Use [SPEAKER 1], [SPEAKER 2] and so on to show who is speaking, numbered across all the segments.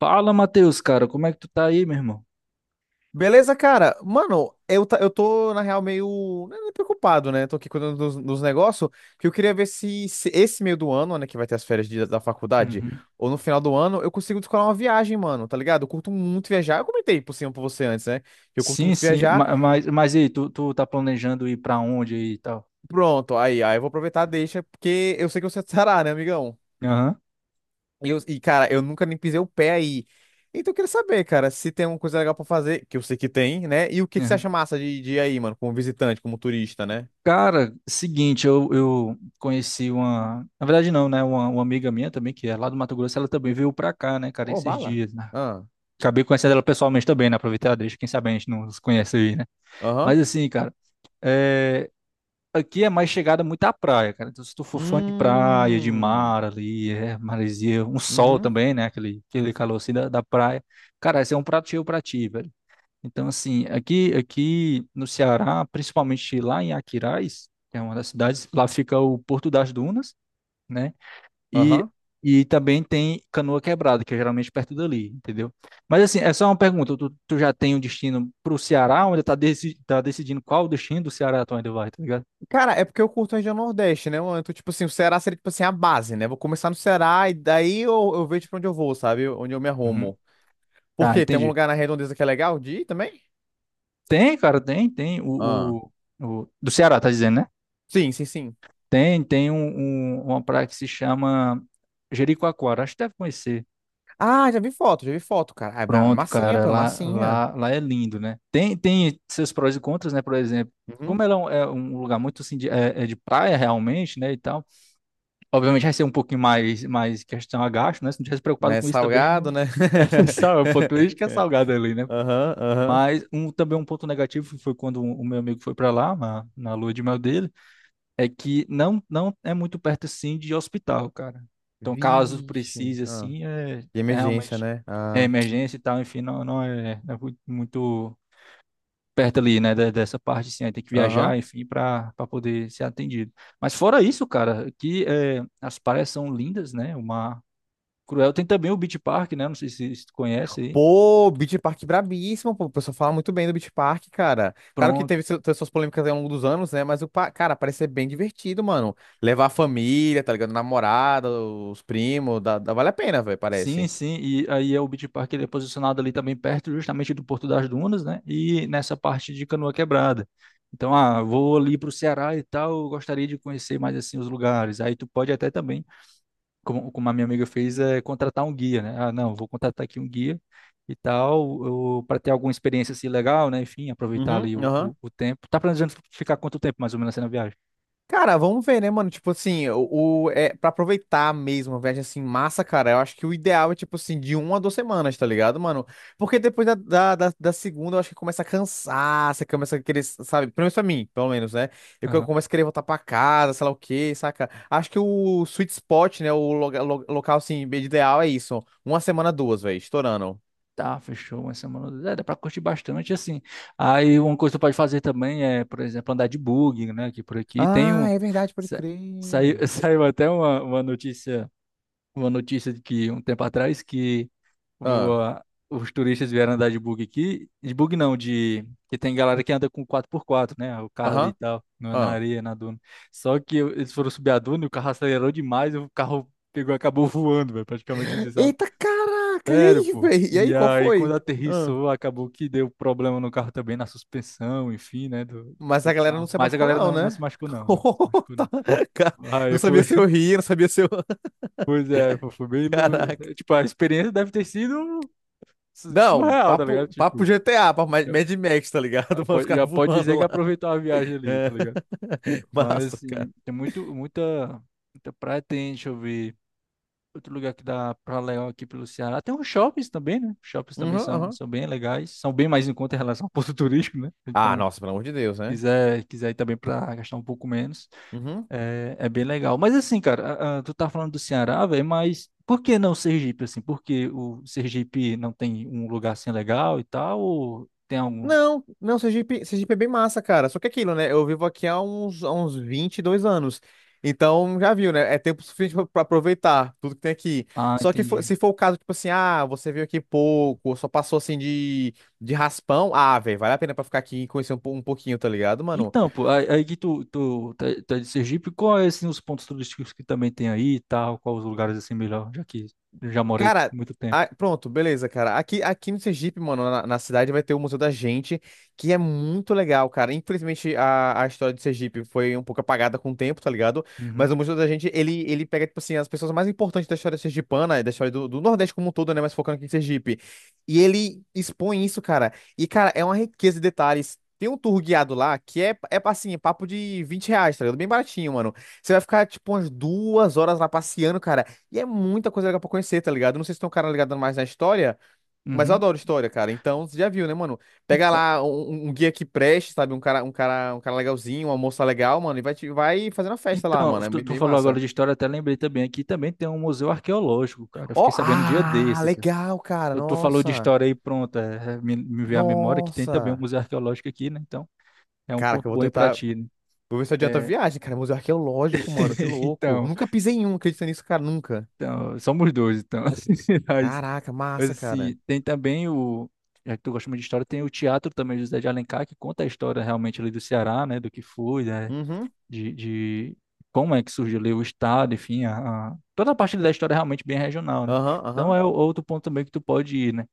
[SPEAKER 1] Fala, Matheus, cara, como é que tu tá aí, meu irmão?
[SPEAKER 2] Beleza, cara? Mano, eu tô, na real, meio né, preocupado, né? Tô aqui cuidando dos negócios, que eu queria ver se esse meio do ano, né, que vai ter as férias da faculdade,
[SPEAKER 1] Uhum.
[SPEAKER 2] ou no final do ano, eu consigo descolar uma viagem, mano, tá ligado? Eu curto muito viajar. Eu comentei por cima pra você antes, né? Que eu curto
[SPEAKER 1] Sim,
[SPEAKER 2] muito
[SPEAKER 1] sim,
[SPEAKER 2] viajar.
[SPEAKER 1] ma- mas, mas e aí, tu tá planejando ir pra onde aí e tal?
[SPEAKER 2] Pronto, aí eu vou aproveitar, deixa, porque eu sei que você estará, né, amigão?
[SPEAKER 1] Aham.
[SPEAKER 2] E, cara, eu nunca nem pisei o pé aí. Então eu queria saber, cara, se tem alguma coisa legal pra fazer, que eu sei que tem, né? E o que, que você
[SPEAKER 1] Aham.
[SPEAKER 2] acha massa de ir aí, mano, como visitante, como turista, né?
[SPEAKER 1] Cara, seguinte, eu conheci uma. Na verdade, não, né? Uma amiga minha também, que é lá do Mato Grosso, ela também veio pra cá, né, cara,
[SPEAKER 2] Ô,
[SPEAKER 1] esses
[SPEAKER 2] bala.
[SPEAKER 1] dias, né?
[SPEAKER 2] Ah,
[SPEAKER 1] Acabei conhecendo ela pessoalmente também, né? Aproveitar, deixa, quem sabe a gente não se conhece aí, né?
[SPEAKER 2] aham.
[SPEAKER 1] Mas assim, cara, é, aqui é mais chegada muito à praia, cara. Então, se tu for fã de praia, de
[SPEAKER 2] Hum.
[SPEAKER 1] mar ali, é, maresia, um sol
[SPEAKER 2] Uhum.
[SPEAKER 1] também, né? Aquele calor assim da, da praia. Cara, esse é um prato cheio pra ti, velho. Então, assim, aqui, aqui no Ceará, principalmente lá em Aquiraz, que é uma das cidades, lá fica o Porto das Dunas, né? E,
[SPEAKER 2] Aham.
[SPEAKER 1] e também tem Canoa Quebrada, que é geralmente perto dali, entendeu? Mas, assim, é só uma pergunta. Tu já tem um destino pro Ceará, ou ainda tá, deci, tá decidindo qual o destino do Ceará tu ainda vai, tá ligado?
[SPEAKER 2] Cara, é porque eu curto a região Nordeste, né, mano? Então, tipo assim, o Ceará seria, tipo assim, a base, né? Vou começar no Ceará e daí eu vejo pra onde eu vou, sabe? Onde eu me
[SPEAKER 1] Uhum.
[SPEAKER 2] arrumo. Por
[SPEAKER 1] Tá,
[SPEAKER 2] quê? Tem algum
[SPEAKER 1] entendi.
[SPEAKER 2] lugar na Redondeza que é legal de ir também?
[SPEAKER 1] Tem, cara, tem, tem.
[SPEAKER 2] Ah.
[SPEAKER 1] Do Ceará, tá dizendo, né?
[SPEAKER 2] Sim, sim, sim.
[SPEAKER 1] Tem, tem um, uma praia que se chama Jericoacoara. Acho que deve conhecer.
[SPEAKER 2] Ah, já vi foto, cara. Ah, é
[SPEAKER 1] Pronto,
[SPEAKER 2] massinha,
[SPEAKER 1] cara,
[SPEAKER 2] pô, é
[SPEAKER 1] lá,
[SPEAKER 2] massinha.
[SPEAKER 1] lá, lá é lindo, né? Tem, tem seus prós e contras, né? Por exemplo,
[SPEAKER 2] Uhum.
[SPEAKER 1] como ela é um lugar muito assim, de, é, é de praia realmente, né? E tal, obviamente vai ser um pouquinho mais, mais questão a gasto, né? Se não tivesse
[SPEAKER 2] Mas
[SPEAKER 1] preocupado
[SPEAKER 2] é
[SPEAKER 1] com isso também,
[SPEAKER 2] salgado,
[SPEAKER 1] não.
[SPEAKER 2] né?
[SPEAKER 1] Sabe, o ponto turístico é salgado ali, né?
[SPEAKER 2] Aham, aham.
[SPEAKER 1] Mas um, também um ponto negativo foi quando o meu amigo foi pra lá, na, na lua de mel dele. É que não, não é muito perto, assim de hospital, cara. Então, caso
[SPEAKER 2] Vixe.
[SPEAKER 1] precise,
[SPEAKER 2] Ah.
[SPEAKER 1] assim, é,
[SPEAKER 2] De
[SPEAKER 1] é
[SPEAKER 2] emergência,
[SPEAKER 1] realmente
[SPEAKER 2] né?
[SPEAKER 1] é
[SPEAKER 2] Ah.
[SPEAKER 1] emergência e tal, enfim, não, não é, não é muito perto ali, né, dessa parte, assim, aí tem que
[SPEAKER 2] Aham.
[SPEAKER 1] viajar, enfim, para para poder ser atendido. Mas fora isso, cara, que é, as praias são lindas, né, o mar cruel. Tem também o Beach Park, né, não sei se, se tu conhece aí.
[SPEAKER 2] Pô, Beach Park brabíssimo, pô. O pessoal fala muito bem do Beach Park, cara. Claro que
[SPEAKER 1] Pronto.
[SPEAKER 2] teve suas polêmicas aí ao longo dos anos, né? Mas o, cara, parece ser bem divertido, mano. Levar a família, tá ligado? Namorada, os primos, vale a pena, velho,
[SPEAKER 1] Sim,
[SPEAKER 2] parece.
[SPEAKER 1] sim, e aí é o Beach Park, ele é posicionado ali também perto justamente do Porto das Dunas, né? E nessa parte de Canoa Quebrada. Então, ah, vou ali para o Ceará e tal, eu gostaria de conhecer mais assim os lugares. Aí tu pode até também, como, como a minha amiga fez, é contratar um guia, né? Ah, não, vou contratar aqui um guia e tal, para ter alguma experiência assim legal, né? Enfim, aproveitar
[SPEAKER 2] Uhum,
[SPEAKER 1] ali
[SPEAKER 2] aham.
[SPEAKER 1] o tempo. Tá planejando ficar quanto tempo mais ou menos assim na viagem?
[SPEAKER 2] Cara, vamos ver, né, mano? Tipo assim, pra aproveitar mesmo uma viagem assim, massa, cara, eu acho que o ideal é, tipo assim, de uma a duas semanas, tá ligado, mano? Porque depois da segunda, eu acho que começa a cansar, você começa a querer, sabe? Pelo menos pra mim, pelo menos, né? Eu começo a querer voltar pra casa, sei lá o quê, saca? Acho que o sweet spot, né, o local, assim, ideal é isso. Uma semana, duas, velho, estourando.
[SPEAKER 1] Tá, fechou uma semana. É, dá pra curtir bastante, assim. Aí uma coisa que tu pode fazer também é, por exemplo, andar de buggy, né? Aqui por aqui. Tem um.
[SPEAKER 2] Ah, é verdade, pode
[SPEAKER 1] sa- Saiu,
[SPEAKER 2] crer.
[SPEAKER 1] saiu até uma notícia de que um tempo atrás que
[SPEAKER 2] Ah,
[SPEAKER 1] o- os turistas vieram andar de buggy aqui. De buggy não, de. Que tem galera que anda com quatro por quatro, né? O carro ali e
[SPEAKER 2] aham.
[SPEAKER 1] tal, na areia, na duna. Só que eles foram subir a duna e o carro acelerou demais, e o carro pegou, e acabou voando, velho. Praticamente isso, sabe?
[SPEAKER 2] Eita, caraca! E
[SPEAKER 1] Sério,
[SPEAKER 2] aí,
[SPEAKER 1] pô.
[SPEAKER 2] velho? E aí,
[SPEAKER 1] E
[SPEAKER 2] qual
[SPEAKER 1] aí, quando
[SPEAKER 2] foi? Hã?
[SPEAKER 1] aterrissou, acabou que deu problema no carro também, na suspensão, enfim, né, do,
[SPEAKER 2] Mas a
[SPEAKER 1] do
[SPEAKER 2] galera não
[SPEAKER 1] carro.
[SPEAKER 2] se
[SPEAKER 1] Mas a
[SPEAKER 2] machucou,
[SPEAKER 1] galera
[SPEAKER 2] não,
[SPEAKER 1] não, não se
[SPEAKER 2] né?
[SPEAKER 1] machucou, não, não se
[SPEAKER 2] Oh.
[SPEAKER 1] machucou,
[SPEAKER 2] Tá,
[SPEAKER 1] não.
[SPEAKER 2] ca-
[SPEAKER 1] Aí
[SPEAKER 2] Não sabia
[SPEAKER 1] foi,
[SPEAKER 2] se eu ria, não sabia se eu.
[SPEAKER 1] pois é, pô, foi bem
[SPEAKER 2] Caraca.
[SPEAKER 1] louco. Tipo, a experiência deve ter sido
[SPEAKER 2] Não,
[SPEAKER 1] surreal, tá ligado?
[SPEAKER 2] papo, papo
[SPEAKER 1] Tipo,
[SPEAKER 2] GTA, papo Mad
[SPEAKER 1] já,
[SPEAKER 2] Mad Max, tá ligado? Os
[SPEAKER 1] já
[SPEAKER 2] caras
[SPEAKER 1] pode
[SPEAKER 2] voando
[SPEAKER 1] dizer que
[SPEAKER 2] lá.
[SPEAKER 1] aproveitou a viagem ali, tá
[SPEAKER 2] É.
[SPEAKER 1] ligado? Mas,
[SPEAKER 2] Massa, cara.
[SPEAKER 1] assim, tem muito, muita, muita praia, tem, deixa eu ver. Outro lugar que dá pra legal aqui pelo Ceará. Tem uns shoppings também, né? Shoppings
[SPEAKER 2] Uhum,
[SPEAKER 1] também são,
[SPEAKER 2] uhum.
[SPEAKER 1] são bem legais. São bem mais em conta em relação ao ponto turístico, né?
[SPEAKER 2] Ah,
[SPEAKER 1] Então,
[SPEAKER 2] nossa, pelo amor de Deus, né?
[SPEAKER 1] quiser, quiser ir também pra gastar um pouco menos,
[SPEAKER 2] Uhum.
[SPEAKER 1] é, é bem legal. Mas assim, cara, tu tá falando do Ceará, velho, mas por que não Sergipe, assim? Por que o Sergipe não tem um lugar assim legal e tal? Ou tem algum?
[SPEAKER 2] Não, não, Sergipe, Sergipe é bem massa, cara. Só que é aquilo, né? Eu vivo aqui há uns 22 anos. Então, já viu, né? É tempo suficiente pra pra aproveitar tudo que tem aqui.
[SPEAKER 1] Ah,
[SPEAKER 2] Só que
[SPEAKER 1] entendi.
[SPEAKER 2] se for o caso, tipo assim, ah, você veio aqui pouco, só passou assim de, raspão. Ah, velho, vale a pena pra ficar aqui e conhecer um pouquinho, tá ligado, mano?
[SPEAKER 1] Então, pô, aí, aí que tu, tu, tá tá de Sergipe, qual é, assim, os pontos turísticos que também tem aí e tal? Quais os lugares, assim, melhor, já que eu já morei
[SPEAKER 2] Cara,
[SPEAKER 1] muito tempo?
[SPEAKER 2] pronto, beleza, cara. Aqui, aqui no Sergipe, mano, na cidade vai ter o Museu da Gente, que é muito legal, cara. Infelizmente, a história do Sergipe foi um pouco apagada com o tempo, tá ligado?
[SPEAKER 1] Uhum,
[SPEAKER 2] Mas o Museu da Gente, ele pega, tipo assim, as pessoas mais importantes da história sergipana, da história do Nordeste como um todo, né? Mas focando aqui em Sergipe. E ele expõe isso, cara. E, cara, é uma riqueza de detalhes. Tem um tour guiado lá que é, é assim, é papo de 20 reais, tá ligado? Bem baratinho, mano. Você vai ficar, tipo, umas duas horas lá passeando, cara. E é muita coisa legal pra conhecer, tá ligado? Eu não sei se tem um cara ligado mais na história, mas eu
[SPEAKER 1] uhum.
[SPEAKER 2] adoro história, cara. Então, você já viu, né, mano? Pega
[SPEAKER 1] Então,
[SPEAKER 2] lá um guia que preste, sabe? Um cara legalzinho, uma moça legal, mano, e vai, vai fazendo a festa lá,
[SPEAKER 1] então
[SPEAKER 2] mano. É
[SPEAKER 1] tu,
[SPEAKER 2] bem,
[SPEAKER 1] tu
[SPEAKER 2] bem
[SPEAKER 1] falou agora
[SPEAKER 2] massa.
[SPEAKER 1] de história, até lembrei também, aqui também tem um museu arqueológico, cara. Eu fiquei
[SPEAKER 2] Ó,
[SPEAKER 1] sabendo um dia
[SPEAKER 2] ah,
[SPEAKER 1] desses.
[SPEAKER 2] legal, cara.
[SPEAKER 1] Tu, tu falou de
[SPEAKER 2] Nossa.
[SPEAKER 1] história aí, pronto, é, é, me veio à memória que tem também um
[SPEAKER 2] Nossa.
[SPEAKER 1] museu arqueológico aqui, né? Então, é um
[SPEAKER 2] Cara, que
[SPEAKER 1] ponto
[SPEAKER 2] eu vou
[SPEAKER 1] bom aí pra
[SPEAKER 2] tentar.
[SPEAKER 1] ti, né?
[SPEAKER 2] Vou ver se adianta a
[SPEAKER 1] É,
[SPEAKER 2] viagem, cara. Museu arqueológico, mano. Que louco.
[SPEAKER 1] então,
[SPEAKER 2] Nunca pisei em um, acredita nisso, cara. Nunca.
[SPEAKER 1] então, somos dois, então.
[SPEAKER 2] Caraca, massa, cara.
[SPEAKER 1] Assim, tem também o, já que tu gosta muito de história, tem o teatro também, José de Alencar, que conta a história realmente ali do Ceará, né, do que foi, né,
[SPEAKER 2] Uhum.
[SPEAKER 1] de como é que surgiu ali o estado, enfim, a, toda a parte da história é realmente bem regional, né?
[SPEAKER 2] Aham,
[SPEAKER 1] Então
[SPEAKER 2] aham.
[SPEAKER 1] é outro ponto também que tu pode ir, né,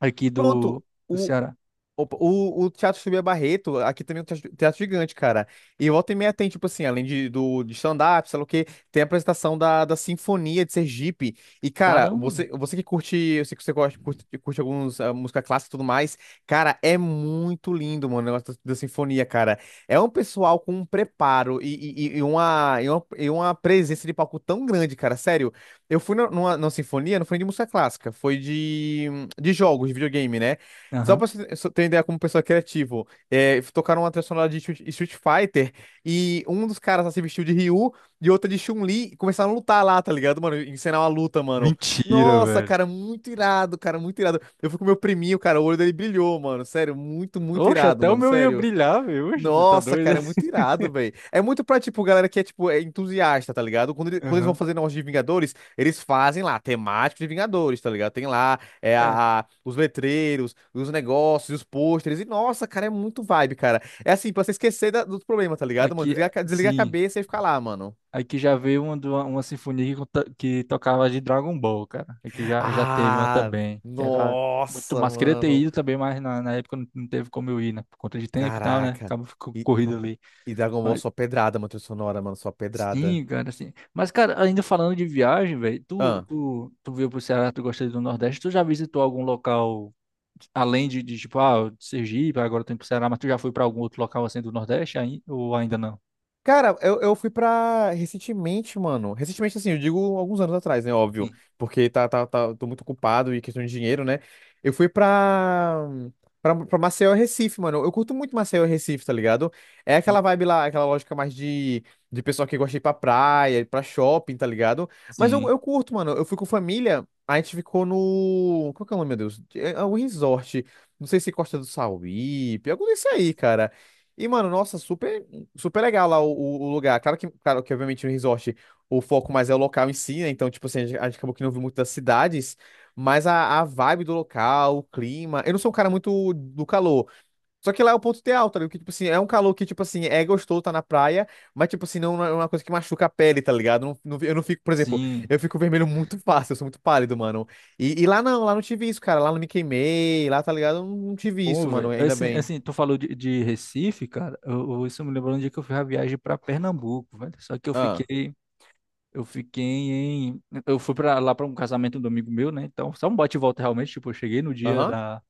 [SPEAKER 1] aqui
[SPEAKER 2] Pronto.
[SPEAKER 1] do, do
[SPEAKER 2] O,
[SPEAKER 1] Ceará.
[SPEAKER 2] Opa. O Teatro Subia Barreto, aqui também é um teatro, teatro gigante, cara. E volta e meia tem, tipo assim, além de, do, de stand-up, sei lá o quê, tem a apresentação da Sinfonia de Sergipe. E, cara,
[SPEAKER 1] Caramba, velho.
[SPEAKER 2] você, você que curte, eu sei que você gosta, curte, curte alguns ah, música clássica e tudo mais, cara, é muito lindo, mano, o negócio da Sinfonia, cara. É um pessoal com um preparo e uma presença de palco tão grande, cara, sério. Eu fui numa Sinfonia, não foi de música clássica, foi de, jogos, de videogame, né? Só pra
[SPEAKER 1] Aham.
[SPEAKER 2] você ter só ter ideia como pessoa criativo, é, tocaram uma trilha sonora de Street Fighter e um dos caras lá se vestiu de Ryu e outro de Chun-Li e começaram a lutar lá, tá ligado, mano? Encenar uma luta, mano.
[SPEAKER 1] Mentira,
[SPEAKER 2] Nossa,
[SPEAKER 1] velho.
[SPEAKER 2] cara, muito irado, cara, muito irado. Eu fui com meu priminho, cara, o olho dele brilhou, mano. Sério, muito, muito
[SPEAKER 1] Oxe,
[SPEAKER 2] irado,
[SPEAKER 1] até o
[SPEAKER 2] mano,
[SPEAKER 1] meu ia
[SPEAKER 2] sério.
[SPEAKER 1] brilhar, velho. Oxe, você tá
[SPEAKER 2] Nossa,
[SPEAKER 1] doido?
[SPEAKER 2] cara, é muito irado, velho. É muito pra, tipo, galera que é, tipo, é entusiasta, tá ligado? Quando, quando eles vão
[SPEAKER 1] Aham.
[SPEAKER 2] fazer negócio de Vingadores, eles fazem lá, temático de Vingadores, tá ligado? Tem lá é,
[SPEAKER 1] É,
[SPEAKER 2] a, os letreiros, os negócios, os pôsteres. E, nossa, cara, é muito vibe, cara. É assim, pra você esquecer dos problemas, tá ligado, mano?
[SPEAKER 1] aqui,
[SPEAKER 2] Desliga, a
[SPEAKER 1] sim.
[SPEAKER 2] cabeça e fica lá, mano.
[SPEAKER 1] Aqui já veio uma, de uma sinfonia que, conta- que tocava de Dragon Ball, cara. Aqui já, já teve uma
[SPEAKER 2] Ah,
[SPEAKER 1] também, que era muito
[SPEAKER 2] nossa,
[SPEAKER 1] massa. Queria ter
[SPEAKER 2] mano.
[SPEAKER 1] ido também, mas na, na época não, não teve como eu ir, né? Por conta de tempo e tal, né?
[SPEAKER 2] Caraca.
[SPEAKER 1] Acaba ficando
[SPEAKER 2] E,
[SPEAKER 1] corrido ali.
[SPEAKER 2] e Dragon Ball só pedrada, mano, trilha sonora, mano, só pedrada.
[SPEAKER 1] Sim, cara, assim. Mas, cara, ainda falando de viagem, velho, tu, tu, tu veio pro Ceará, tu gosta do Nordeste, tu já visitou algum local, além de tipo, ah, de Sergipe, agora tu indo pro Ceará, mas tu já foi pra algum outro local assim do Nordeste, aí, ou ainda não?
[SPEAKER 2] Cara, eu fui pra recentemente, mano. Recentemente, assim, eu digo alguns anos atrás, né? Óbvio.
[SPEAKER 1] Sim.
[SPEAKER 2] Porque tá, tá, tá, tô muito ocupado e questão de dinheiro, né? Eu fui pra, pra Maceió e Recife, mano. Eu curto muito Maceió e Recife, tá ligado? É
[SPEAKER 1] Hum.
[SPEAKER 2] aquela vibe lá, aquela lógica mais de pessoal que gosta de ir pra praia, pra shopping, tá ligado? Mas eu,
[SPEAKER 1] Sim.
[SPEAKER 2] eu curto, mano. Eu fui com família, a gente ficou no. Qual que é o nome, meu Deus? É, é um resort. Não sei se Costa do Sauípe, algo desse aí, cara. E, mano, nossa, super. Super legal lá o, o lugar. Claro que, obviamente, no resort o foco mais é o local em si, né? Então, tipo assim, a gente acabou que não viu muito das cidades, mas a vibe do local, o clima. Eu não sou um cara muito do calor. Só que lá é o ponto de alta, tá ligado? Que, tipo assim, é um calor que, tipo assim, é gostoso tá na praia, mas, tipo assim, não é uma coisa que machuca a pele, tá ligado? Eu não fico, por exemplo,
[SPEAKER 1] Sim.
[SPEAKER 2] eu fico vermelho muito fácil, eu sou muito pálido, mano. E lá não tive isso, cara. Lá não me queimei, lá, tá ligado? Eu não, não tive
[SPEAKER 1] Pô,
[SPEAKER 2] isso, mano,
[SPEAKER 1] velho,
[SPEAKER 2] ainda
[SPEAKER 1] assim,
[SPEAKER 2] bem.
[SPEAKER 1] assim, tu falou de Recife, cara, eu, isso me lembrou um dia que eu fiz a viagem pra Pernambuco, velho, só que
[SPEAKER 2] Ah,
[SPEAKER 1] eu fiquei em, eu fui para lá pra um casamento do amigo meu, né, então, só um bate e volta realmente, tipo, eu cheguei no dia
[SPEAKER 2] aham.
[SPEAKER 1] da,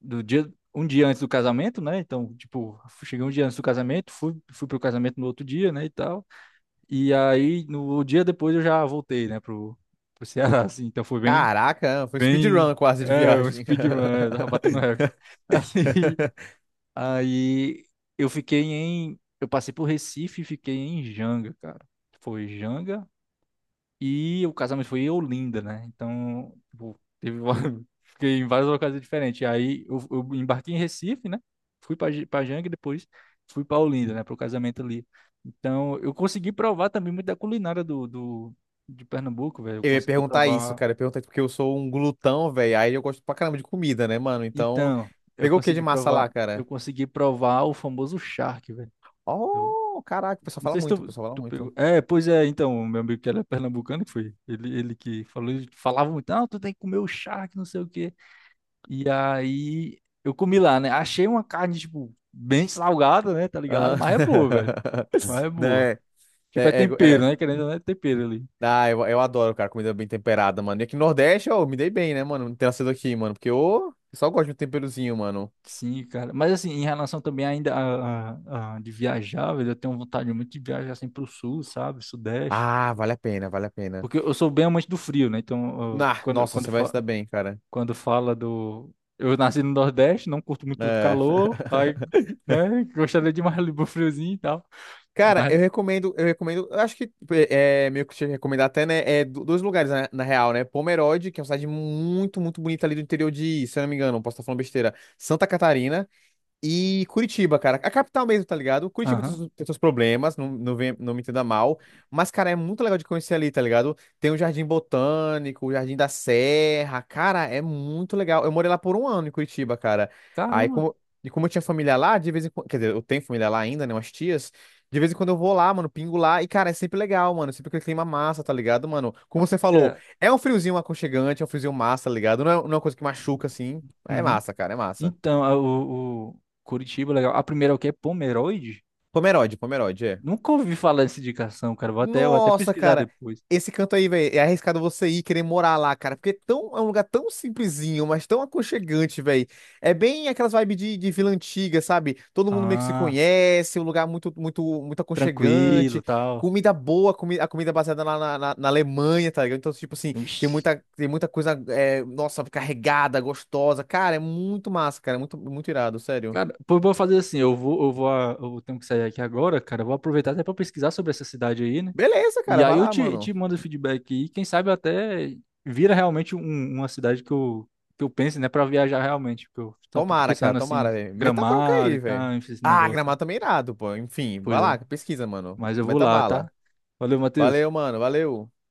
[SPEAKER 1] do dia, um dia antes do casamento, né, então, tipo, cheguei um dia antes do casamento, fui, fui pro casamento no outro dia, né, e tal, e aí, no dia depois eu já voltei, né, pro, pro Ceará, assim, então foi bem,
[SPEAKER 2] Caraca, foi
[SPEAKER 1] bem,
[SPEAKER 2] speedrun quase de
[SPEAKER 1] é, um
[SPEAKER 2] viagem.
[SPEAKER 1] speedrun, é, tava batendo recorde, assim... Aí eu fiquei em. Eu passei por Recife e fiquei em Janga, cara. Foi Janga e o casamento foi em Olinda, né? Então, tipo, teve fiquei em várias ocasiões diferentes. Aí eu embarquei em Recife, né? Fui pra pra Janga e depois fui pra Olinda, né? Pro casamento ali. Então, eu consegui provar também muito da culinária do, do, de Pernambuco, velho. Eu
[SPEAKER 2] Eu ia
[SPEAKER 1] consegui
[SPEAKER 2] perguntar isso,
[SPEAKER 1] provar.
[SPEAKER 2] cara. Eu ia perguntar isso porque eu sou um glutão, velho. Aí eu gosto pra caramba de comida, né, mano? Então,
[SPEAKER 1] Então, eu
[SPEAKER 2] pegou o que de
[SPEAKER 1] consegui
[SPEAKER 2] massa lá,
[SPEAKER 1] provar. Eu
[SPEAKER 2] cara?
[SPEAKER 1] consegui provar o famoso charque, velho.
[SPEAKER 2] Oh, caraca, o pessoal
[SPEAKER 1] Não
[SPEAKER 2] fala
[SPEAKER 1] sei se
[SPEAKER 2] muito, o
[SPEAKER 1] tu,
[SPEAKER 2] pessoal fala
[SPEAKER 1] tu pegou.
[SPEAKER 2] muito.
[SPEAKER 1] É, pois é, então, o meu amigo que era pernambucano, que foi ele, ele que falou, ele falava muito, não, tu tem que comer o charque, não sei o quê. E aí eu comi lá, né? Achei uma carne, tipo, bem salgada, né? Tá ligado?
[SPEAKER 2] Aham.
[SPEAKER 1] Mas é boa, velho. Mas é boa.
[SPEAKER 2] Né?
[SPEAKER 1] Tipo, é
[SPEAKER 2] É, é, é-
[SPEAKER 1] tempero,
[SPEAKER 2] é,
[SPEAKER 1] né? Querendo, ou não, é tempero ali.
[SPEAKER 2] ah, eu adoro, cara, comida bem temperada, mano. E aqui no Nordeste, eu me dei bem, né, mano? Ter nascido aqui, mano. Porque eu só gosto de um temperozinho, mano.
[SPEAKER 1] Sim, cara. Mas assim, em relação também ainda a, de viajar, velho, eu tenho vontade muito de viajar assim pro sul, sabe? Sudeste.
[SPEAKER 2] Ah, vale a pena, vale a pena.
[SPEAKER 1] Porque eu sou bem amante do frio, né? Então,
[SPEAKER 2] Ah,
[SPEAKER 1] quando,
[SPEAKER 2] nossa,
[SPEAKER 1] quando,
[SPEAKER 2] você vai se
[SPEAKER 1] fa-
[SPEAKER 2] dar bem, cara.
[SPEAKER 1] quando fala do. Eu nasci no Nordeste, não curto muito o
[SPEAKER 2] É.
[SPEAKER 1] calor, aí, né, gostaria de mais um friozinho e tal.
[SPEAKER 2] Cara, eu
[SPEAKER 1] Mas,
[SPEAKER 2] recomendo, eu recomendo, eu acho que é meio que te recomendar até, né? É dois lugares na, na real, né? Pomerode, que é uma cidade muito, muito bonita ali do interior de, se eu não me engano, posso estar falando besteira, Santa Catarina. E Curitiba, cara, a capital mesmo, tá ligado? Curitiba
[SPEAKER 1] aham.
[SPEAKER 2] tem seus problemas, não, não, não me entenda mal, mas, cara, é muito legal de conhecer ali, tá ligado? Tem o Jardim Botânico, o Jardim da Serra, cara, é muito legal. Eu morei lá por um ano em Curitiba, cara. Aí,
[SPEAKER 1] Caramba.
[SPEAKER 2] como, e como eu tinha família lá, de vez em quando, quer dizer, eu tenho família lá ainda, né, umas tias, de vez em quando eu vou lá, mano, pingo lá, e, cara, é sempre legal, mano, sempre aquele clima massa, tá ligado, mano? Como você falou,
[SPEAKER 1] Era-
[SPEAKER 2] é um friozinho aconchegante, é um friozinho massa, tá ligado? Não é, não é uma coisa que machuca, assim, é
[SPEAKER 1] Uhum.
[SPEAKER 2] massa, cara, é massa.
[SPEAKER 1] Então, o Curitiba, legal. A primeira é o que? Pomeroide?
[SPEAKER 2] Pomerode, Pomerode, é.
[SPEAKER 1] Nunca ouvi falar dessa indicação, cara. Vou até
[SPEAKER 2] Nossa,
[SPEAKER 1] pesquisar
[SPEAKER 2] cara.
[SPEAKER 1] depois.
[SPEAKER 2] Esse canto aí, velho, é arriscado você ir querer morar lá, cara. Porque é, tão, é um lugar tão simplesinho, mas tão aconchegante, velho. É bem aquelas vibes de vila antiga, sabe? Todo mundo meio que se
[SPEAKER 1] Ah,
[SPEAKER 2] conhece, um lugar muito, muito, muito
[SPEAKER 1] tranquilo,
[SPEAKER 2] aconchegante.
[SPEAKER 1] tal.
[SPEAKER 2] Comida boa, comi a comida baseada lá na, na Alemanha, tá ligado? Então, tipo assim,
[SPEAKER 1] Ixi.
[SPEAKER 2] tem muita coisa, é, nossa, carregada, gostosa. Cara, é muito massa, cara. É muito, muito irado, sério.
[SPEAKER 1] Cara, pô, vou fazer assim, eu vou, eu vou, eu tenho que sair aqui agora, cara, eu vou aproveitar até para pesquisar sobre essa cidade aí, né?
[SPEAKER 2] Beleza,
[SPEAKER 1] E
[SPEAKER 2] cara,
[SPEAKER 1] aí
[SPEAKER 2] vai
[SPEAKER 1] eu
[SPEAKER 2] lá,
[SPEAKER 1] te, te
[SPEAKER 2] mano.
[SPEAKER 1] mando o feedback e quem sabe até vira realmente uma cidade que eu pense, né, para viajar realmente, porque eu só tô
[SPEAKER 2] Tomara, cara,
[SPEAKER 1] pensando assim,
[SPEAKER 2] tomara, velho. Meta bronca
[SPEAKER 1] Gramado e
[SPEAKER 2] aí,
[SPEAKER 1] tal,
[SPEAKER 2] velho.
[SPEAKER 1] enfim, esse
[SPEAKER 2] Ah,
[SPEAKER 1] negócio.
[SPEAKER 2] Gramado também é irado, pô. Enfim, vai
[SPEAKER 1] Pois é,
[SPEAKER 2] lá, pesquisa, mano.
[SPEAKER 1] mas eu vou
[SPEAKER 2] Meta
[SPEAKER 1] lá, tá?
[SPEAKER 2] bala.
[SPEAKER 1] Valeu, Matheus.
[SPEAKER 2] Valeu, mano, valeu.